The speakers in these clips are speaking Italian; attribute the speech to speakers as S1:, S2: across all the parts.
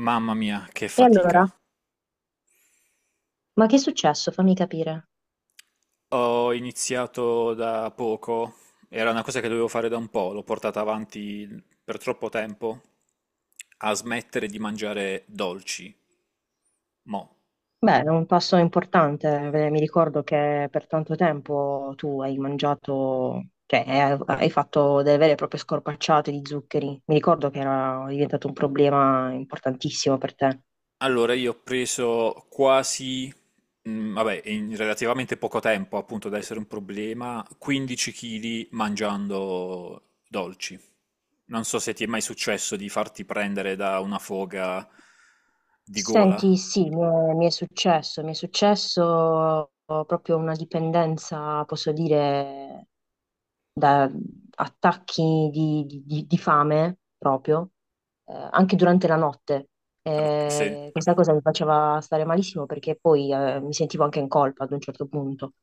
S1: Mamma mia, che
S2: E allora,
S1: fatica.
S2: ma che è successo? Fammi capire.
S1: Ho iniziato da poco, era una cosa che dovevo fare da un po', l'ho portata avanti per troppo tempo, a smettere di mangiare dolci. Mo.
S2: Beh, è un passo importante. Mi ricordo che per tanto tempo tu hai mangiato, hai fatto delle vere e proprie scorpacciate di zuccheri. Mi ricordo che era diventato un problema importantissimo per te.
S1: Allora io ho preso quasi, vabbè, in relativamente poco tempo, appunto da essere un problema, 15 kg mangiando dolci. Non so se ti è mai successo di farti prendere da una foga di gola.
S2: Senti, sì, mi è successo proprio una dipendenza, posso dire, da attacchi di fame proprio, anche durante la notte.
S1: Ok, sì.
S2: Questa cosa mi faceva stare malissimo perché poi mi sentivo anche in colpa ad un certo punto.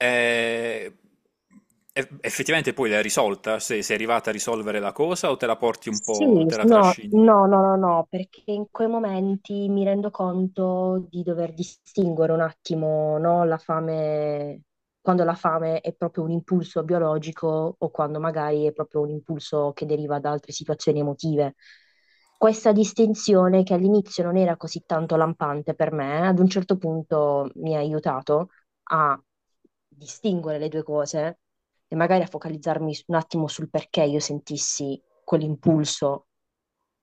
S1: Eh, Effettivamente poi l'hai risolta? Sei arrivata a risolvere la cosa o te la porti un
S2: Sì,
S1: po', te la
S2: no,
S1: trascini?
S2: no, no, no, no, perché in quei momenti mi rendo conto di dover distinguere un attimo, no, la fame, quando la fame è proprio un impulso biologico o quando magari è proprio un impulso che deriva da altre situazioni emotive. Questa distinzione, che all'inizio non era così tanto lampante per me, ad un certo punto mi ha aiutato a distinguere le due cose e magari a focalizzarmi un attimo sul perché io sentissi quell'impulso,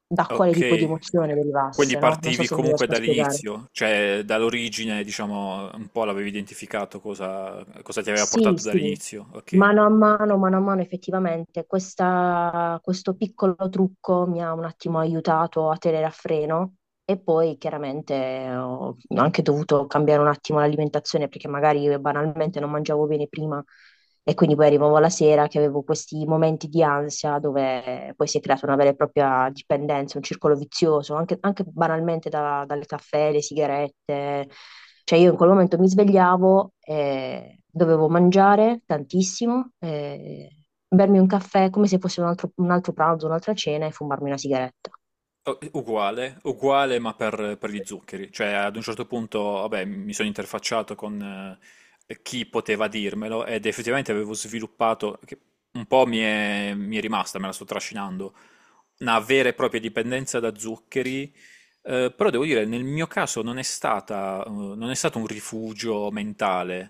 S2: da quale tipo di
S1: Ok,
S2: emozione
S1: quindi
S2: derivasse, no? Non so
S1: partivi
S2: se mi
S1: comunque
S2: riesco a spiegare.
S1: dall'inizio, cioè dall'origine, diciamo, un po' l'avevi identificato cosa, cosa ti aveva
S2: Sì,
S1: portato
S2: sì,
S1: dall'inizio, ok.
S2: mano a mano, effettivamente, questo piccolo trucco mi ha un attimo aiutato a tenere a freno. E poi chiaramente ho anche dovuto cambiare un attimo l'alimentazione perché magari io banalmente non mangiavo bene prima. E quindi poi arrivavo la sera che avevo questi momenti di ansia dove poi si è creata una vera e propria dipendenza, un circolo vizioso, anche, anche banalmente dal caffè, le sigarette. Cioè io in quel momento mi svegliavo e dovevo mangiare tantissimo, e bermi un caffè come se fosse un altro pranzo, un'altra cena e fumarmi una sigaretta.
S1: Oh, uguale, uguale ma per gli zuccheri, cioè ad un certo punto vabbè, mi sono interfacciato con chi poteva dirmelo ed effettivamente avevo sviluppato, che un po' mi è rimasta, me la sto trascinando, una vera e propria dipendenza da zuccheri, però devo dire nel mio caso non è stata, non è stato un rifugio mentale,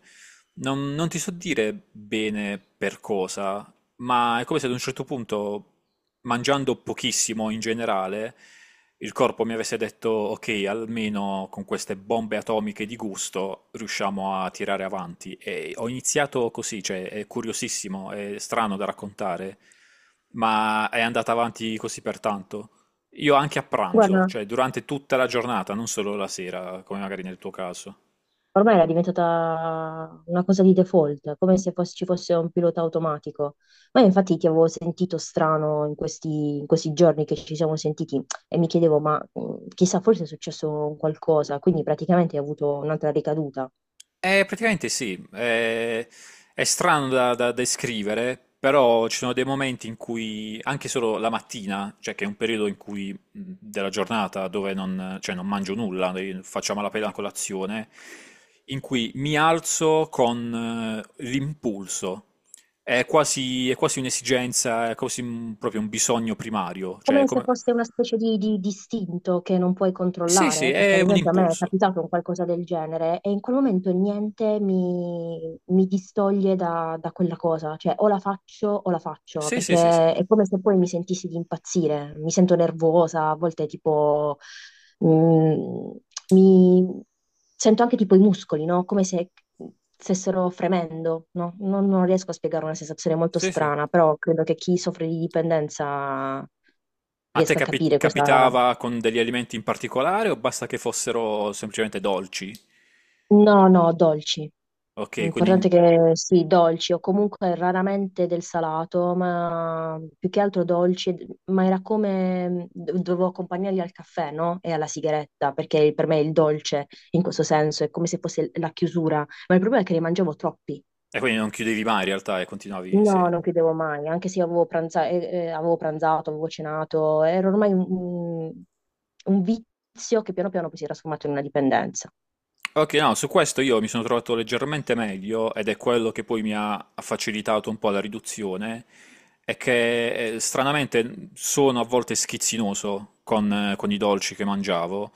S1: non ti so dire bene per cosa, ma è come se ad un certo punto, mangiando pochissimo in generale, il corpo mi avesse detto, ok, almeno con queste bombe atomiche di gusto riusciamo a tirare avanti. E ho iniziato così, cioè è curiosissimo, è strano da raccontare, ma è andata avanti così per tanto. Io anche a pranzo,
S2: Guarda,
S1: cioè durante tutta la giornata, non solo la sera, come magari nel tuo caso.
S2: ormai era diventata una cosa di default, come se fosse- ci fosse un pilota automatico. Ma io infatti ti avevo sentito strano in questi giorni che ci siamo sentiti e mi chiedevo, ma chissà, forse è successo qualcosa, quindi praticamente hai avuto un'altra ricaduta.
S1: Praticamente sì, è strano da descrivere, però ci sono dei momenti in cui, anche solo la mattina, cioè che è un periodo in cui, della giornata dove non, cioè non mangio nulla, faccio a malapena la colazione, in cui mi alzo con l'impulso. È quasi un'esigenza, è quasi proprio un bisogno primario, cioè
S2: Come se
S1: come...
S2: fosse una specie di distinto che non puoi
S1: Sì, sì,
S2: controllare, perché
S1: è
S2: ad
S1: un
S2: esempio a me è
S1: impulso.
S2: capitato un qualcosa del genere e in quel momento niente mi distoglie da, da quella cosa, cioè o la faccio,
S1: Sì, sì, sì, sì.
S2: perché è come se poi mi sentissi di impazzire, mi sento nervosa, a volte tipo... mm, mi sento anche tipo i muscoli, no? Come se stessero fremendo, no? Non, non riesco a spiegare una sensazione molto
S1: Sì, sì.
S2: strana, però credo che chi soffre di dipendenza
S1: A te
S2: riesca a capire cosa...
S1: capitava con degli alimenti in particolare o basta che fossero semplicemente dolci?
S2: No, no, dolci.
S1: Ok,
S2: L'importante è
S1: quindi,
S2: che sì, dolci o comunque raramente del salato, ma più che altro dolci, ma era come dovevo accompagnarli al caffè, no? E alla sigaretta, perché per me il dolce in questo senso è come se fosse la chiusura, ma il problema è che ne mangiavo troppi.
S1: e quindi non chiudevi mai in realtà e continuavi, sì.
S2: No, non chiudevo mai, anche se io avevo pranzato, avevo cenato, era ormai un vizio che piano piano poi si è trasformato in una dipendenza.
S1: Ok, no, su questo io mi sono trovato leggermente meglio ed è quello che poi mi ha facilitato un po' la riduzione, è che stranamente sono a volte schizzinoso con i dolci che mangiavo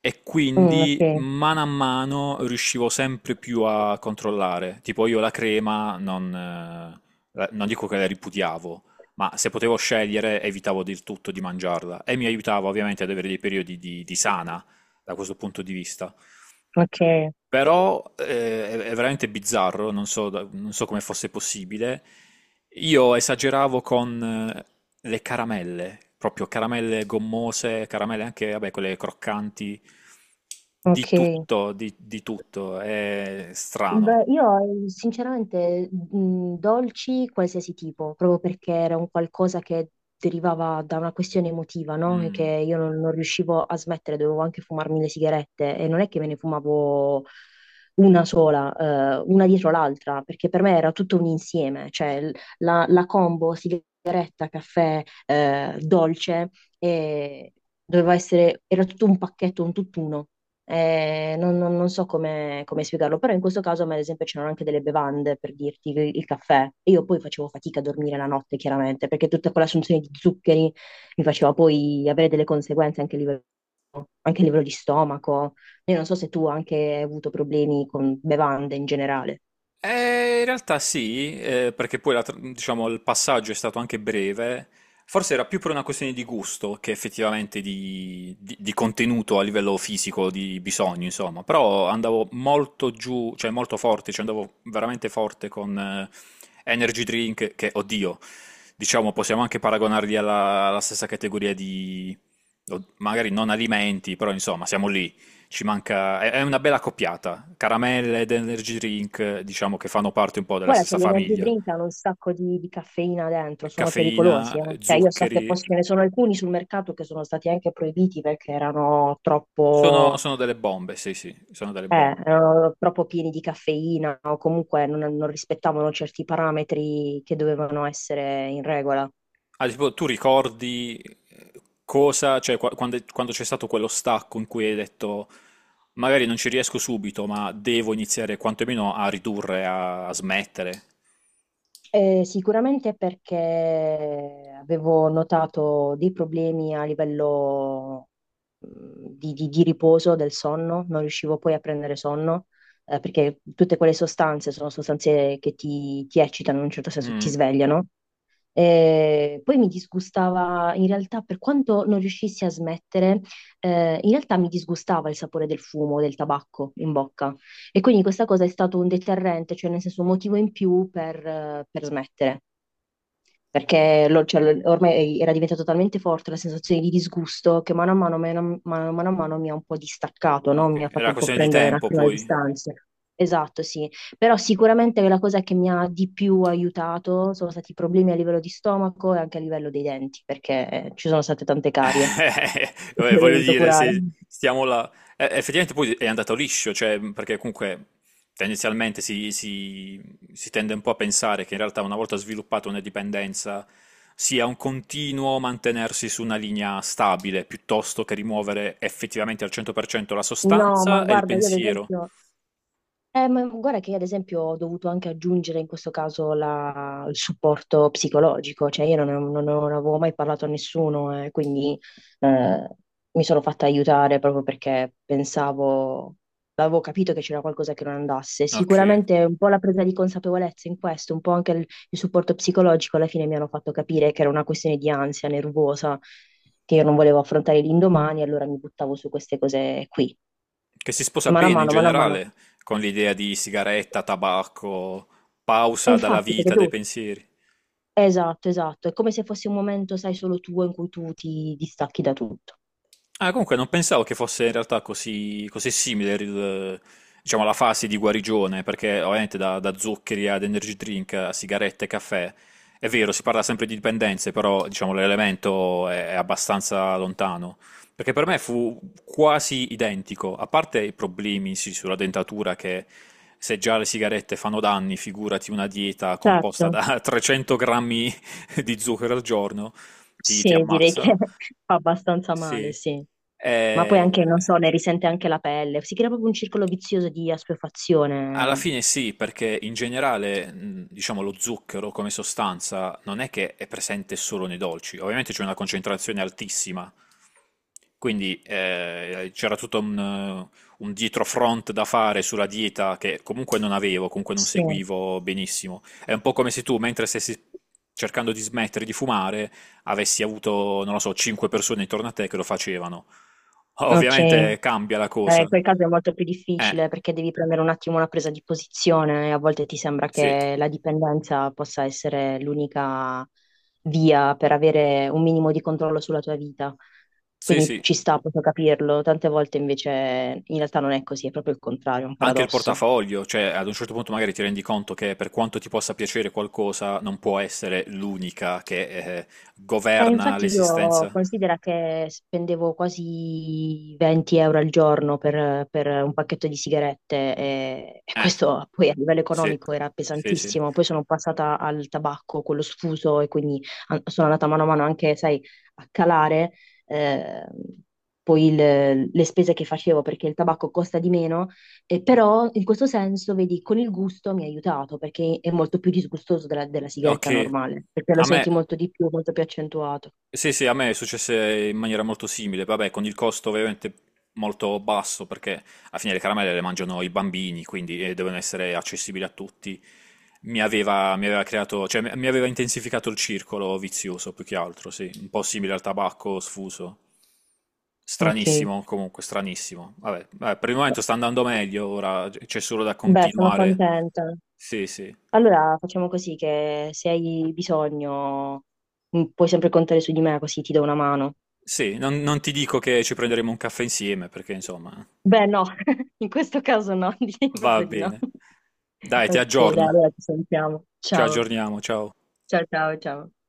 S1: e
S2: Mm,
S1: quindi
S2: ok,
S1: mano a mano riuscivo sempre più a controllare. Tipo io la crema non, non dico che la ripudiavo, ma se potevo scegliere evitavo del tutto di mangiarla e mi aiutava ovviamente ad avere dei periodi di sana da questo punto di vista.
S2: ok,
S1: Però è veramente bizzarro, non so, non so come fosse possibile. Io esageravo con eh, le caramelle, proprio caramelle gommose, caramelle anche, vabbè, quelle croccanti,
S2: ok.
S1: di tutto, di tutto, è
S2: Beh,
S1: strano.
S2: io sinceramente dolci qualsiasi tipo, proprio perché era un qualcosa che derivava da una questione emotiva, no? E Che
S1: Mm.
S2: io non, non riuscivo a smettere, dovevo anche fumarmi le sigarette e non è che me ne fumavo una sola, una dietro l'altra, perché per me era tutto un insieme, la, la combo sigaretta, caffè, dolce, e era tutto un pacchetto, un tutt'uno. Non so come, come spiegarlo, però in questo caso a me, ad esempio, c'erano anche delle bevande per dirti il caffè. E io poi facevo fatica a dormire la notte, chiaramente, perché tutta quell'assunzione di zuccheri mi faceva poi avere delle conseguenze anche a livello di stomaco. Io non so se tu anche hai avuto problemi con bevande in generale.
S1: In realtà sì, perché poi la diciamo, il passaggio è stato anche breve. Forse era più per una questione di gusto che effettivamente di, di contenuto a livello fisico, di bisogno, insomma. Però andavo molto giù, cioè molto forte, cioè andavo veramente forte con energy drink, che, oddio, diciamo, possiamo anche paragonarli alla, alla stessa categoria di, magari non alimenti, però insomma, siamo lì. Ci manca, è una bella coppiata. Caramelle ed energy drink, diciamo che fanno parte un po' della
S2: Guarda che
S1: stessa
S2: gli energy
S1: famiglia.
S2: drink hanno un sacco di caffeina dentro, sono pericolosi,
S1: Caffeina,
S2: eh. Cioè io so che poi
S1: zuccheri,
S2: ce ne sono alcuni sul mercato che sono stati anche proibiti perché erano
S1: sono,
S2: troppo.
S1: sono delle bombe, sì, sì, sono delle bombe.
S2: Erano troppo pieni di caffeina o comunque non, non rispettavano certi parametri che dovevano essere in regola.
S1: Ah, tipo, tu ricordi cosa, cioè quando, quando c'è stato quello stacco in cui hai detto magari non ci riesco subito, ma devo iniziare quantomeno a ridurre, a, a smettere.
S2: Sicuramente perché avevo notato dei problemi a livello mh, di, di riposo del sonno, non riuscivo poi a prendere sonno, perché tutte quelle sostanze sono sostanze che ti eccitano in un certo senso, ti
S1: Mm,
S2: svegliano. Poi mi disgustava, in realtà, per quanto non riuscissi a smettere, in realtà mi disgustava il sapore del fumo, del tabacco in bocca. E quindi questa cosa è stato un deterrente, cioè nel senso un motivo in più per smettere perché ormai era diventata talmente forte la sensazione di disgusto che mano a mano mi ha un po' distaccato, no? Mi
S1: ok,
S2: ha fatto
S1: era
S2: un po'
S1: questione di
S2: prendere un
S1: tempo
S2: attimo le
S1: poi.
S2: distanze. Esatto, sì. Però sicuramente la cosa che mi ha di più aiutato sono stati i problemi a livello di stomaco e anche a livello dei denti, perché ci sono state tante carie che ho
S1: Vabbè, voglio
S2: dovuto
S1: dire,
S2: curare.
S1: se stiamo là, effettivamente poi è andato liscio, cioè, perché comunque tendenzialmente si, si tende un po' a pensare che in realtà una volta sviluppata una dipendenza sia un continuo mantenersi su una linea stabile, piuttosto che rimuovere effettivamente al 100% la
S2: No, ma
S1: sostanza e il
S2: guarda, io ad
S1: pensiero,
S2: esempio... ma guarda che io, ad esempio ho dovuto anche aggiungere in questo caso il supporto psicologico, cioè io non avevo mai parlato a nessuno e quindi eh, mi sono fatta aiutare proprio perché pensavo, avevo capito che c'era qualcosa che non andasse.
S1: no?
S2: Sicuramente un po' la presa di consapevolezza in questo, un po' anche il supporto psicologico alla fine mi hanno fatto capire che era una questione di ansia nervosa, che io non volevo affrontare l'indomani, allora mi buttavo su queste cose qui,
S1: Che si sposa
S2: mano a
S1: bene in
S2: mano, mano a mano.
S1: generale con l'idea di sigaretta, tabacco,
S2: E
S1: pausa dalla
S2: infatti, perché
S1: vita, dai
S2: tu...
S1: pensieri.
S2: Esatto, esatto. È come se fosse un momento, sai, solo tuo in cui tu ti distacchi da tutto.
S1: Ah, comunque non pensavo che fosse in realtà così, così simile diciamo, la fase di guarigione, perché ovviamente da, da zuccheri ad energy drink a sigarette e caffè, è vero, si parla sempre di dipendenze, però diciamo, l'elemento è abbastanza lontano. Perché per me fu quasi identico, a parte i problemi sì, sulla dentatura, che se già le sigarette fanno danni, figurati una dieta
S2: Certo,
S1: composta da 300 grammi di zucchero al giorno, ti ti
S2: sì, direi che
S1: ammazza.
S2: fa abbastanza male,
S1: Sì,
S2: sì. Ma poi anche,
S1: eh,
S2: non so, ne risente anche la pelle. Si crea proprio un circolo vizioso di
S1: alla
S2: assuefazione.
S1: fine sì, perché in generale, diciamo, lo zucchero come sostanza non è che è presente solo nei dolci, ovviamente c'è una concentrazione altissima, quindi c'era tutto un dietrofront da fare sulla dieta che comunque non avevo, comunque non
S2: Sì.
S1: seguivo benissimo. È un po' come se tu, mentre stessi cercando di smettere di fumare, avessi avuto, non lo so, 5 persone intorno a te che lo facevano.
S2: Ok.
S1: Ovviamente cambia la
S2: In
S1: cosa.
S2: quel caso è molto più
S1: Eh,
S2: difficile perché devi prendere un attimo una presa di posizione e a volte ti sembra
S1: sì,
S2: che la dipendenza possa essere l'unica via per avere un minimo di controllo sulla tua vita.
S1: sì,
S2: Quindi
S1: sì,
S2: ci sta, posso capirlo. Tante volte invece in realtà non è così, è proprio il contrario, è un
S1: anche il
S2: paradosso.
S1: portafoglio, cioè ad un certo punto magari ti rendi conto che per quanto ti possa piacere qualcosa, non può essere l'unica che governa
S2: Infatti io
S1: l'esistenza.
S2: considero che spendevo quasi 20 euro al giorno per un pacchetto di sigarette e
S1: Eh,
S2: questo poi a livello
S1: sì,
S2: economico era
S1: sì, sì.
S2: pesantissimo. Poi sono passata al tabacco, quello sfuso, e quindi sono andata mano a mano anche, sai, a calare eh, poi le spese che facevo perché il tabacco costa di meno e però in questo senso, vedi, con il gusto mi ha aiutato perché è molto più disgustoso della, della
S1: Ok,
S2: sigaretta normale, perché lo
S1: a me.
S2: senti molto di più, molto più accentuato.
S1: Sì, sì, a me è successo in maniera molto simile, vabbè, con il costo ovviamente molto basso, perché alla fine le caramelle le mangiano i bambini, quindi devono essere accessibili a tutti. Mi aveva creato, cioè mi aveva intensificato il circolo vizioso, più che altro, sì, un po' simile al tabacco sfuso.
S2: Ok,
S1: Stranissimo, comunque, stranissimo. Vabbè, vabbè, per il momento sta andando meglio, ora c'è solo da
S2: beh, sono
S1: continuare.
S2: contenta.
S1: Sì, sì.
S2: Allora facciamo così che se hai bisogno puoi sempre contare su di me così ti do una mano.
S1: Sì, non, non ti dico che ci prenderemo un caffè insieme, perché insomma...
S2: Beh, no, in questo caso no, direi
S1: Va
S2: proprio di no.
S1: bene. Dai, ti
S2: Ok, dai,
S1: aggiorno.
S2: allora ci sentiamo.
S1: Ci
S2: Ciao,
S1: aggiorniamo, ciao.
S2: ciao, ciao, ciao.